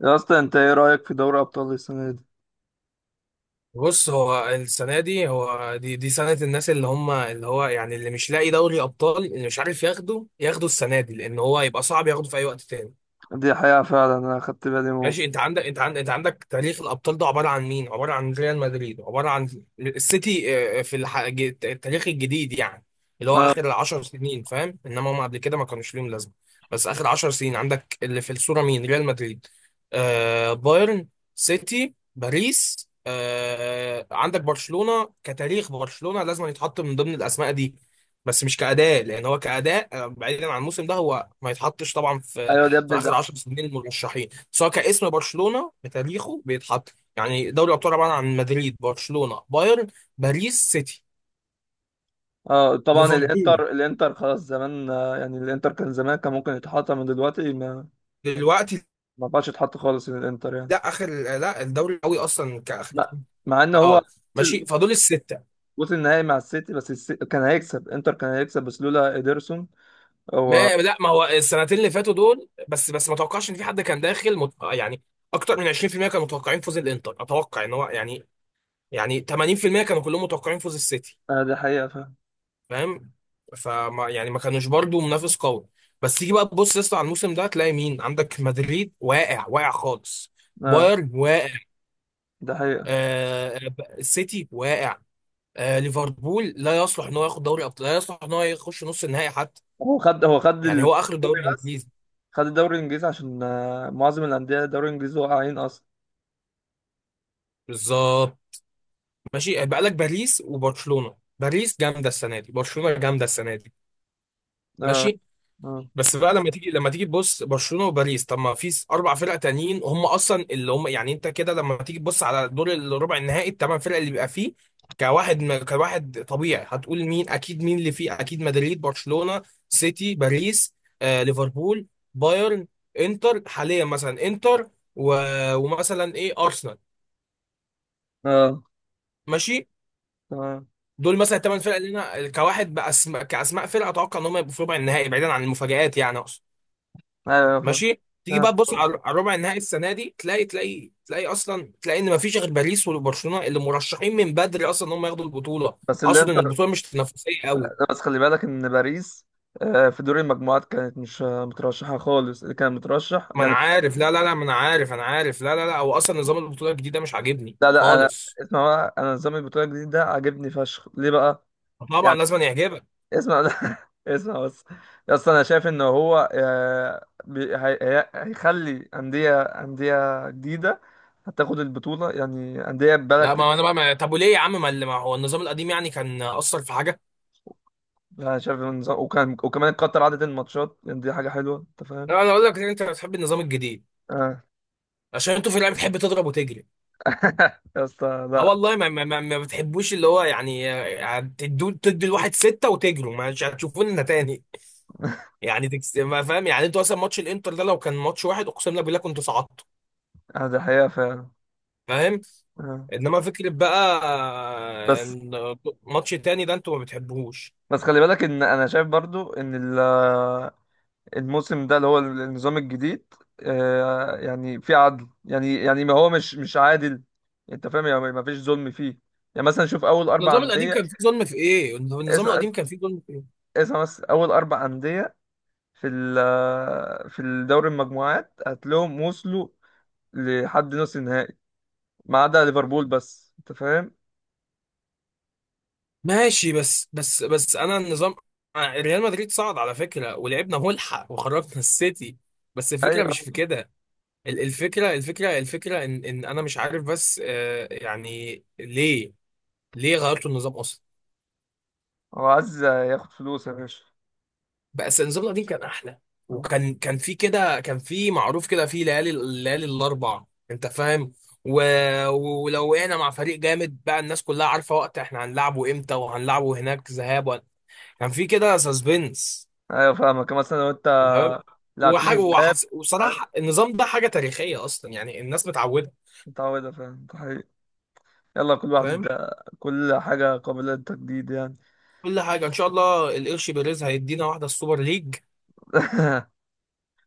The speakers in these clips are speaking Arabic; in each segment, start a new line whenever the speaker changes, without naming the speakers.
يا اسطى، انت ايه رايك في دوري ابطال السنه دي؟
بص هو السنه دي هو دي سنه الناس اللي هم اللي هو يعني اللي مش لاقي دوري ابطال اللي مش عارف ياخده السنه دي لان هو يبقى صعب ياخده في اي وقت تاني.
دي حقيقه فعلا، انا خدت بالي موت.
ماشي، انت عندك تاريخ الابطال ده عباره عن مين؟ عباره عن ريال مدريد، عباره عن السيتي. في التاريخ الجديد يعني، اللي هو
اه،
اخر 10 سنين، فاهم؟ انما هم قبل كده ما كانوش ليهم لازمه. بس اخر 10 سنين عندك اللي في الصوره مين؟ ريال مدريد، آه، بايرن، سيتي، باريس. آه، عندك برشلونه كتاريخ، برشلونه لازم يتحط من ضمن الاسماء دي، بس مش كأداء، لان هو كأداء آه، بعيدا عن الموسم ده هو ما يتحطش طبعا في
ايوه ده يا
في
ابني ده.
اخر 10 سنين المرشحين، سواء كاسم برشلونه بتاريخه بيتحط. يعني دوري الابطال عباره عن مدريد، برشلونه، بايرن، باريس، سيتي،
اه، طبعا
ليفربول
الانتر خلاص زمان، يعني الانتر كان زمان، كان ممكن يتحط من دلوقتي ما.
دلوقتي.
ما بقاش يتحط خالص من الانتر يعني.
لا، اخر، لا، الدوري قوي اصلا كاخر.
لا. مع ان هو
اه ماشي،
وصل.
فدول السته.
وصل النهائي مع السيتي، بس كان هيكسب، انتر كان هيكسب بس لولا اديرسون. هو.
ما لا ما هو السنتين اللي فاتوا دول، بس ما توقعش ان في حد كان داخل يعني اكتر من 20% كانوا متوقعين فوز الانتر، اتوقع ان هو يعني، يعني 80% كانوا كلهم متوقعين فوز السيتي،
اه، ده حقيقه فعلا.
فاهم؟ فما يعني ما كانوش برضو منافس قوي. بس تيجي بقى تبص يا اسطى على الموسم ده تلاقي مين؟ عندك مدريد واقع، واقع خالص،
اه،
بايرن واقع،
ده حقيقه.
آه السيتي واقع، آه ليفربول لا يصلح ان هو ياخد دوري ابطال، لا يصلح ان هو يخش نص النهائي حتى.
هو خد
يعني هو اخر
الدوري
الدوري
بس.
الانجليزي.
خد الدوري الانجليزي عشان معظم الانديه الدوري الانجليزي واقعين اصلا.
بالظبط. ماشي، بقى لك باريس وبرشلونة. باريس جامده السنه دي، برشلونه جامده السنه دي،
اه،
ماشي.
آه.
بس بقى لما تيجي تبص برشلونه وباريس. طب ما في اربع فرق تانيين هم اصلا اللي هم يعني، انت كده لما تيجي تبص على دور الربع النهائي، الثمان فرق اللي بيبقى فيه، كواحد طبيعي، هتقول مين اكيد، مين اللي فيه اكيد؟ مدريد، برشلونه، سيتي، باريس، آه ليفربول، بايرن، انتر حاليا مثلا انتر، و... ومثلا ايه، ارسنال،
اه.
ماشي.
تمام.
دول مثلا الثمان فرق اللي انا كواحد بأسماء كاسماء فرق اتوقع ان هم يبقوا في ربع النهائي بعيدا عن المفاجآت، يعني اقصد.
ايوه، فاهم.
ماشي، تيجي
تمام.
بقى تبص على على ربع النهائي السنه دي تلاقي تلاقي تلاقي اصلا، تلاقي ان مفيش غير باريس وبرشلونه اللي مرشحين من بدري اصلا ان هم ياخدوا البطوله.
بس
اقصد ان
الانتر.
البطوله مش تنافسيه قوي.
لا، بس خلي بالك ان باريس في دور المجموعات كانت مش مترشحه خالص، اللي كان مترشح
ما انا
يعني.
عارف، لا لا لا، ما انا عارف، انا عارف، لا لا لا، هو اصلا نظام البطوله الجديد ده مش عاجبني
لا لا، انا
خالص.
اسمع بقى. انا نظام البطوله الجديد ده عاجبني فشخ، ليه بقى؟
طبعا
يعني
لازم أن يعجبك.
اسمع، لا اسمع بس. اصل انا شايف ان هو هيخلي انديه جديده هتاخد البطوله، يعني انديه بقالها
لا،
كتير.
ما انا بقى ما... طب وليه يا عم، ما هو النظام القديم يعني كان اثر في حاجه؟
يعني انا شايف النظام، وكان وكمان قطر عدد الماتشات، يعني دي حاجه حلوه، انت فاهم؟
لا، انا اقول لك إن انت بتحب النظام الجديد
آه.
عشان انتوا في اللعبه بتحب تضرب وتجري.
يا اسطى
اه
لا.
والله، ما بتحبوش اللي هو يعني، آه، تدوا تدي الواحد ستة وتجروا مش هتشوفونا تاني. يعني ما فاهم، يعني انتوا مثلا ماتش الانتر ده لو كان ماتش واحد اقسم لك بالله كنت صعدت،
دي حقيقة فعلا.
فاهم.
آه.
انما فكرة بقى آه،
بس.
ان ماتش تاني ده انتوا ما بتحبوهوش.
بس خلي بالك ان انا شايف برضو ان الموسم ده اللي هو النظام الجديد، يعني في عدل، يعني ما هو مش عادل. انت فاهم؟ يعني ما فيش ظلم فيه. يعني مثلا شوف اول اربع
النظام القديم
انديه.
كان فيه ظلم في ايه؟ النظام
اسمع،
القديم كان فيه ظلم في ايه؟
اسمع بس، اول اربع انديه في ال آه، في الدوري المجموعات هتلاقيهم وصلوا لحد نص النهائي، ما عدا ليفربول بس. انت فاهم؟
ماشي، بس انا النظام آه، ريال مدريد صعد على فكرة ولعبنا ملحق وخرجنا السيتي، بس الفكرة
ايوه.
مش في كده. الفكرة إن أنا مش عارف بس آه، يعني ليه، ليه غيرتوا النظام أصلا؟
هو عايز ياخد فلوس يا باشا.
بس النظام القديم كان أحلى،
آه.
وكان في كده، كان في معروف كده، في ليالي الليالي الأربع. أنت فاهم؟ و... ولو وقعنا مع فريق جامد بقى الناس كلها عارفة وقت إحنا هنلعبه إمتى وهنلعبه هناك ذهاب كان في كده سسبنس،
ايوه فاهمك، مثلا لو انت
تمام؟
لعبتني ذهاب.
وصراحة
انا
النظام ده حاجة تاريخية أصلا، يعني الناس متعودة،
متعودة، فاهم، ده حقيقي. يلا، كل واحد.
فاهم؟
كل حاجة قابلة للتجديد يعني.
كل حاجه ان شاء الله القرش بيريز هيدينا واحده السوبر ليج.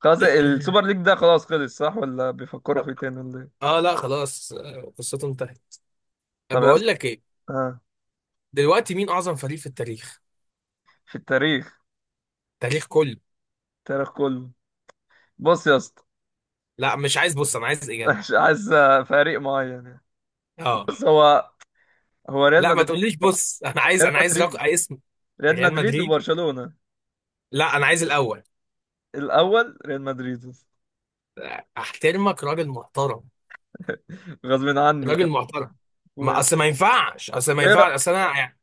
خلاص، السوبر ليج ده خلاص خلص، صح، ولا بيفكروا فيه
طب،
تاني، ولا ايه؟
اه لا خلاص، آه، قصته انتهت.
طب يا اسطى.
بقول لك ايه،
آه.
دلوقتي مين اعظم فريق في التاريخ؟
في التاريخ.
التاريخ كله.
التاريخ كله. بص يا اسطى.
لا مش عايز بص، انا عايز اجابه.
مش عايز فريق معين يعني.
اه،
بص، هو ريال
لا ما
مدريد.
تقوليش بص، انا عايز،
ريال
انا عايز
مدريد.
اسم.
ريال
ريال
مدريد
مدريد،
وبرشلونة.
لا انا عايز الاول.
الأول ريال مدريد.
احترمك، راجل محترم،
غصب عني،
راجل
كان
محترم. ما
أخويا.
اصل ما ينفعش، اصل
طب
ما
إيه
ينفعش، اصل انا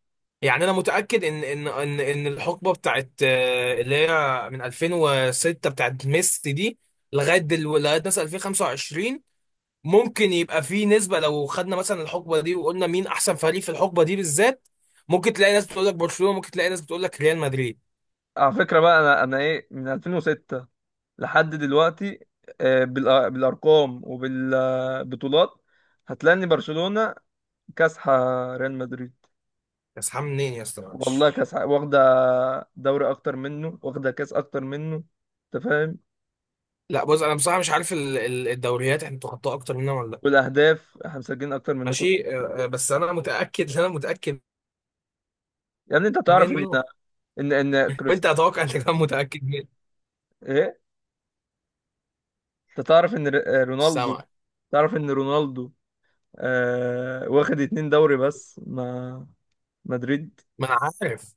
يعني انا متاكد ان الحقبه بتاعت آه، اللي هي من 2006 بتاعت ميسي دي، لغايه مثلا 2025، ممكن يبقى في نسبه لو خدنا مثلا الحقبه دي وقلنا مين احسن فريق في الحقبه دي بالذات، ممكن تلاقي ناس بتقول لك برشلونه، ممكن تلاقي ناس بتقول لك ريال مدريد.
على فكرة بقى. أنا إيه، من 2006 لحد دلوقتي، بالارقام وبالبطولات هتلاقي ان برشلونة كاسحة ريال مدريد.
يا اسطى منين يا اسطى،
والله
معلش.
كاسحة، واخدة دوري اكتر منه، واخدة كاس اكتر منه. انت فاهم؟
لا بص، انا بصراحه مش عارف الدوريات احنا بتخطاها اكتر مننا ولا لا.
والاهداف احنا مسجلين اكتر منكم.
ماشي آه، آه، بس انا متاكد، انا متاكد
يعني انت تعرف ان.
منه،
ان ان كريست
وانت اتوقع انت كمان متاكد منه.
ايه انت تعرف ان
مش
رونالدو.
سامعك.
تعرف ان رونالدو آه واخد اتنين دوري بس مع مدريد.
ما انا عارف،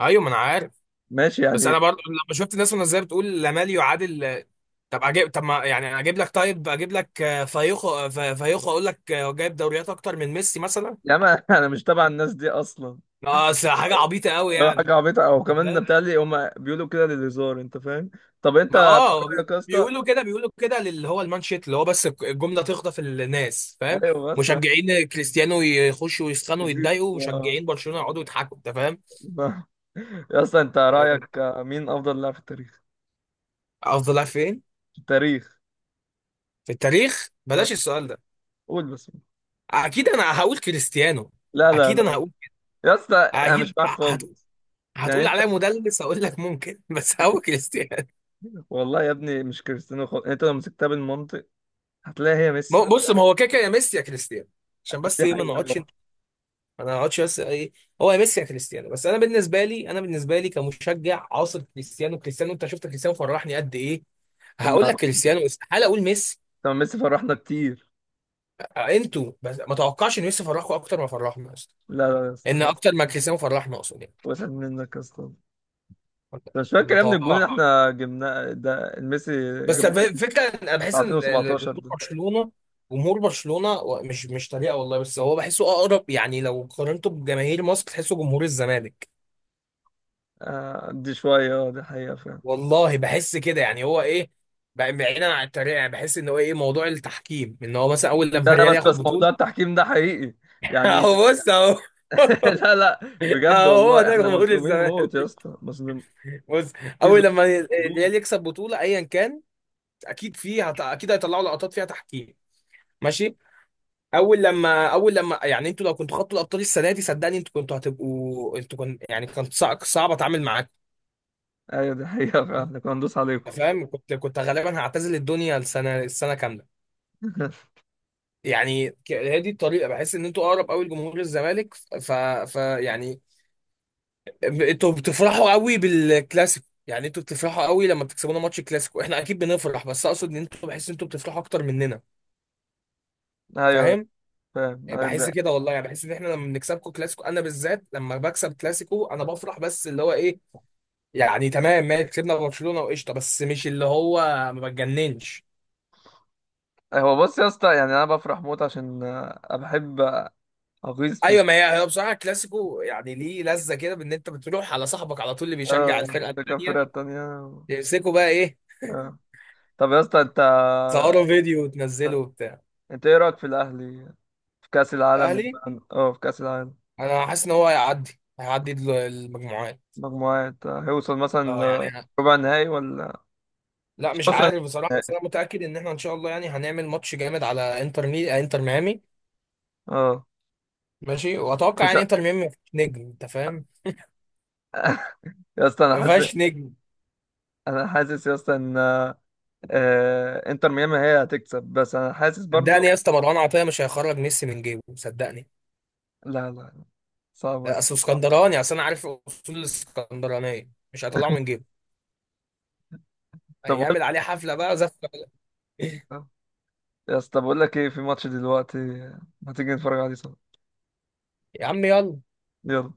ايوه ما انا عارف.
ماشي
بس انا
يعني.
برضو لما شفت الناس وهي بتقول لامال يعادل، طب اجيب، طب ما يعني اجيب لك، طيب اجيب لك آه، فايخو آه، فايخو اقول لك آه، هو جايب دوريات اكتر من ميسي مثلا.
يا ما، انا مش تبع الناس دي اصلا.
اه اصل حاجه عبيطه قوي
اه،
يعني،
حاجة عبيطة. أو
انت
كمان
فاهم.
بتهيألي هما بيقولوا كده للهزار، أنت فاهم؟ طب أنت
ما اه
رأيك يا اسطى.
بيقولوا كده، بيقولوا كده للي هو المانشيت اللي هو، بس الجمله تخطف الناس، فاهم.
أيوه بس.
مشجعين كريستيانو يخشوا ويسخنوا
كتير.
ويتضايقوا،
آه.
ومشجعين برشلونه يقعدوا يضحكوا، انت فاهم.
يا اسطى، أنت
آه،
رأيك مين أفضل لاعب في التاريخ؟
افضل لاعب فين؟
في التاريخ.
في التاريخ
آه.
بلاش السؤال ده.
قول بس.
اكيد انا هقول كريستيانو،
لا لا
اكيد انا
لا،
هقول،
يا اسطى أنا
اكيد
مش معاك
هت...
خالص. يعني
هتقول
أنت،
عليا مدلس، هقول لك ممكن بس هو كريستيانو.
والله يا ابني مش كريستيانو خالص. يعني أنت لو مسكتها بالمنطق هتلاقي هي
ما
ميسي.
هو- بص، ما هو كده كده يا ميسي يا كريستيانو، عشان بس
دي
ايه ما نقعدش،
حقيقة.
ما نقعدش، بس ايه. هو يا ميسي يا كريستيانو، بس انا بالنسبه لي، انا بالنسبه لي كمشجع عاصر كريستيانو، كريستيانو انت شفت كريستيانو فرحني قد ايه،
طب
هقول
ما.
لك كريستيانو، استحاله اقول ميسي.
طب ما ميسي فرحنا كتير.
انتوا بس ما توقعش ان ميسي فرحكم اكتر ما فرحنا اصلا،
لا لا يا
ان
اسطى،
اكتر ما كريستيانو فرحنا اقصد يعني
وسعت منك يا اسطى. أنا مش فاكر
ما
يا ابني؟ الجون اللي
اتوقعش.
احنا جبناه ده ميسي
بس
جابه،
فكره انا
بتاع
بحس ان
2017
جمهور
ده.
برشلونه، جمهور برشلونه مش، مش طريقه والله، بس هو بحسه اقرب، يعني لو قارنته بجماهير مصر تحسه جمهور الزمالك.
دي شوية. اه، دي حقيقة فعلا.
والله بحس كده، يعني هو ايه، بعيدا عن الطريقه، يعني بحس ان هو ايه موضوع التحكيم، ان هو مثلا اول لما
لا لا،
الريال
بس
ياخد
بس
بطوله
موضوع التحكيم ده حقيقي يعني.
اهو بص اهو
لا لا. بجد
اهو هو
والله،
ده
احنا
جمهور
مظلومين موت يا
الزمالك.
اسطى، مظلومين.
بص،
في
اول
ظلم.
لما
ظلم.
الريال يكسب بطوله ايا كان، اكيد فيه اكيد هيطلعوا لقطات فيها تحكيم، ماشي. اول لما يعني انتوا لو كنتوا خدتوا الابطال السنه دي صدقني انتوا كنتوا هتبقوا، انتوا كنت يعني، كان صعب، صعب اتعامل معاكم.
ايوه دي حقيقة فعلا، إحنا كنا ندوس عليكم.
أنت فاهم، كنت، كنت غالبا هعتزل الدنيا السنه، السنه كامله. يعني هي دي الطريقه، بحس ان انتوا اقرب قوي لجمهور الزمالك. ف, ف يعني، انتوا بتفرحوا قوي بالكلاسيكو، يعني انتوا بتفرحوا قوي لما بتكسبونا ماتش الكلاسيكو، احنا اكيد بنفرح بس اقصد ان انتوا، بحس ان انتوا بتفرحوا اكتر مننا،
ايوه
فاهم.
فاهم.
بحس كده والله، يعني بحس ان احنا لما بنكسبكم كلاسيكو انا بالذات لما بكسب كلاسيكو انا بفرح، بس اللي هو ايه، يعني تمام ماشي كسبنا برشلونه وقشطه، بس مش اللي هو ما بتجننش.
هو بص يا اسطى، يعني انا بفرح موت عشان أنا بحب اغيظ في.
ايوه، ما هي بصراحه الكلاسيكو يعني ليه لذه كده، بان انت بتروح على صاحبك على طول اللي بيشجع
اه،
الفرقه
في كام
الثانيه
فرقة تانية؟
تمسكه بقى ايه،
آه. طب يا اسطى، انت،
تصوروا فيديو وتنزله وبتاع.
انت ايه رأيك في الاهلي في كأس العالم؟
الاهلي،
اه، في كأس العالم.
انا حاسس ان هو هيعدي المجموعات.
مجموعات، هيوصل
اه يعني
مثلا
أنا،
ربع نهائي؟ ولا
لا
مش
مش
هيوصل
عارف بصراحه، بس
نهائي؟
انا متاكد ان احنا ان شاء الله يعني هنعمل ماتش جامد على انتر آه، انتر ميامي،
اه.
ماشي. واتوقع
مش
يعني
ه-
انتر ميامي ما فيهاش نجم، انت فاهم،
يا اسطى انا
ما
حاسس.
فيهاش نجم.
انا حاسس يا اسطى ان آه، آه، انتر ميامي هي هتكسب، بس انا حاسس برضو.
صدقني يا اسطى مروان عطيه مش هيخرج ميسي من جيبه، صدقني.
لا لا لا، صعبة
لا
دي.
اصل اسكندراني، اصل انا عارف اصول الاسكندرانيه مش هيطلعه من جيبه،
طب بقول.
هيعمل عليه حفله بقى زفه
يا اسطى بقول لك ايه، في ماتش دلوقتي، ما تيجي نتفرج عليه سوا.
يا عم يلا.
يلا.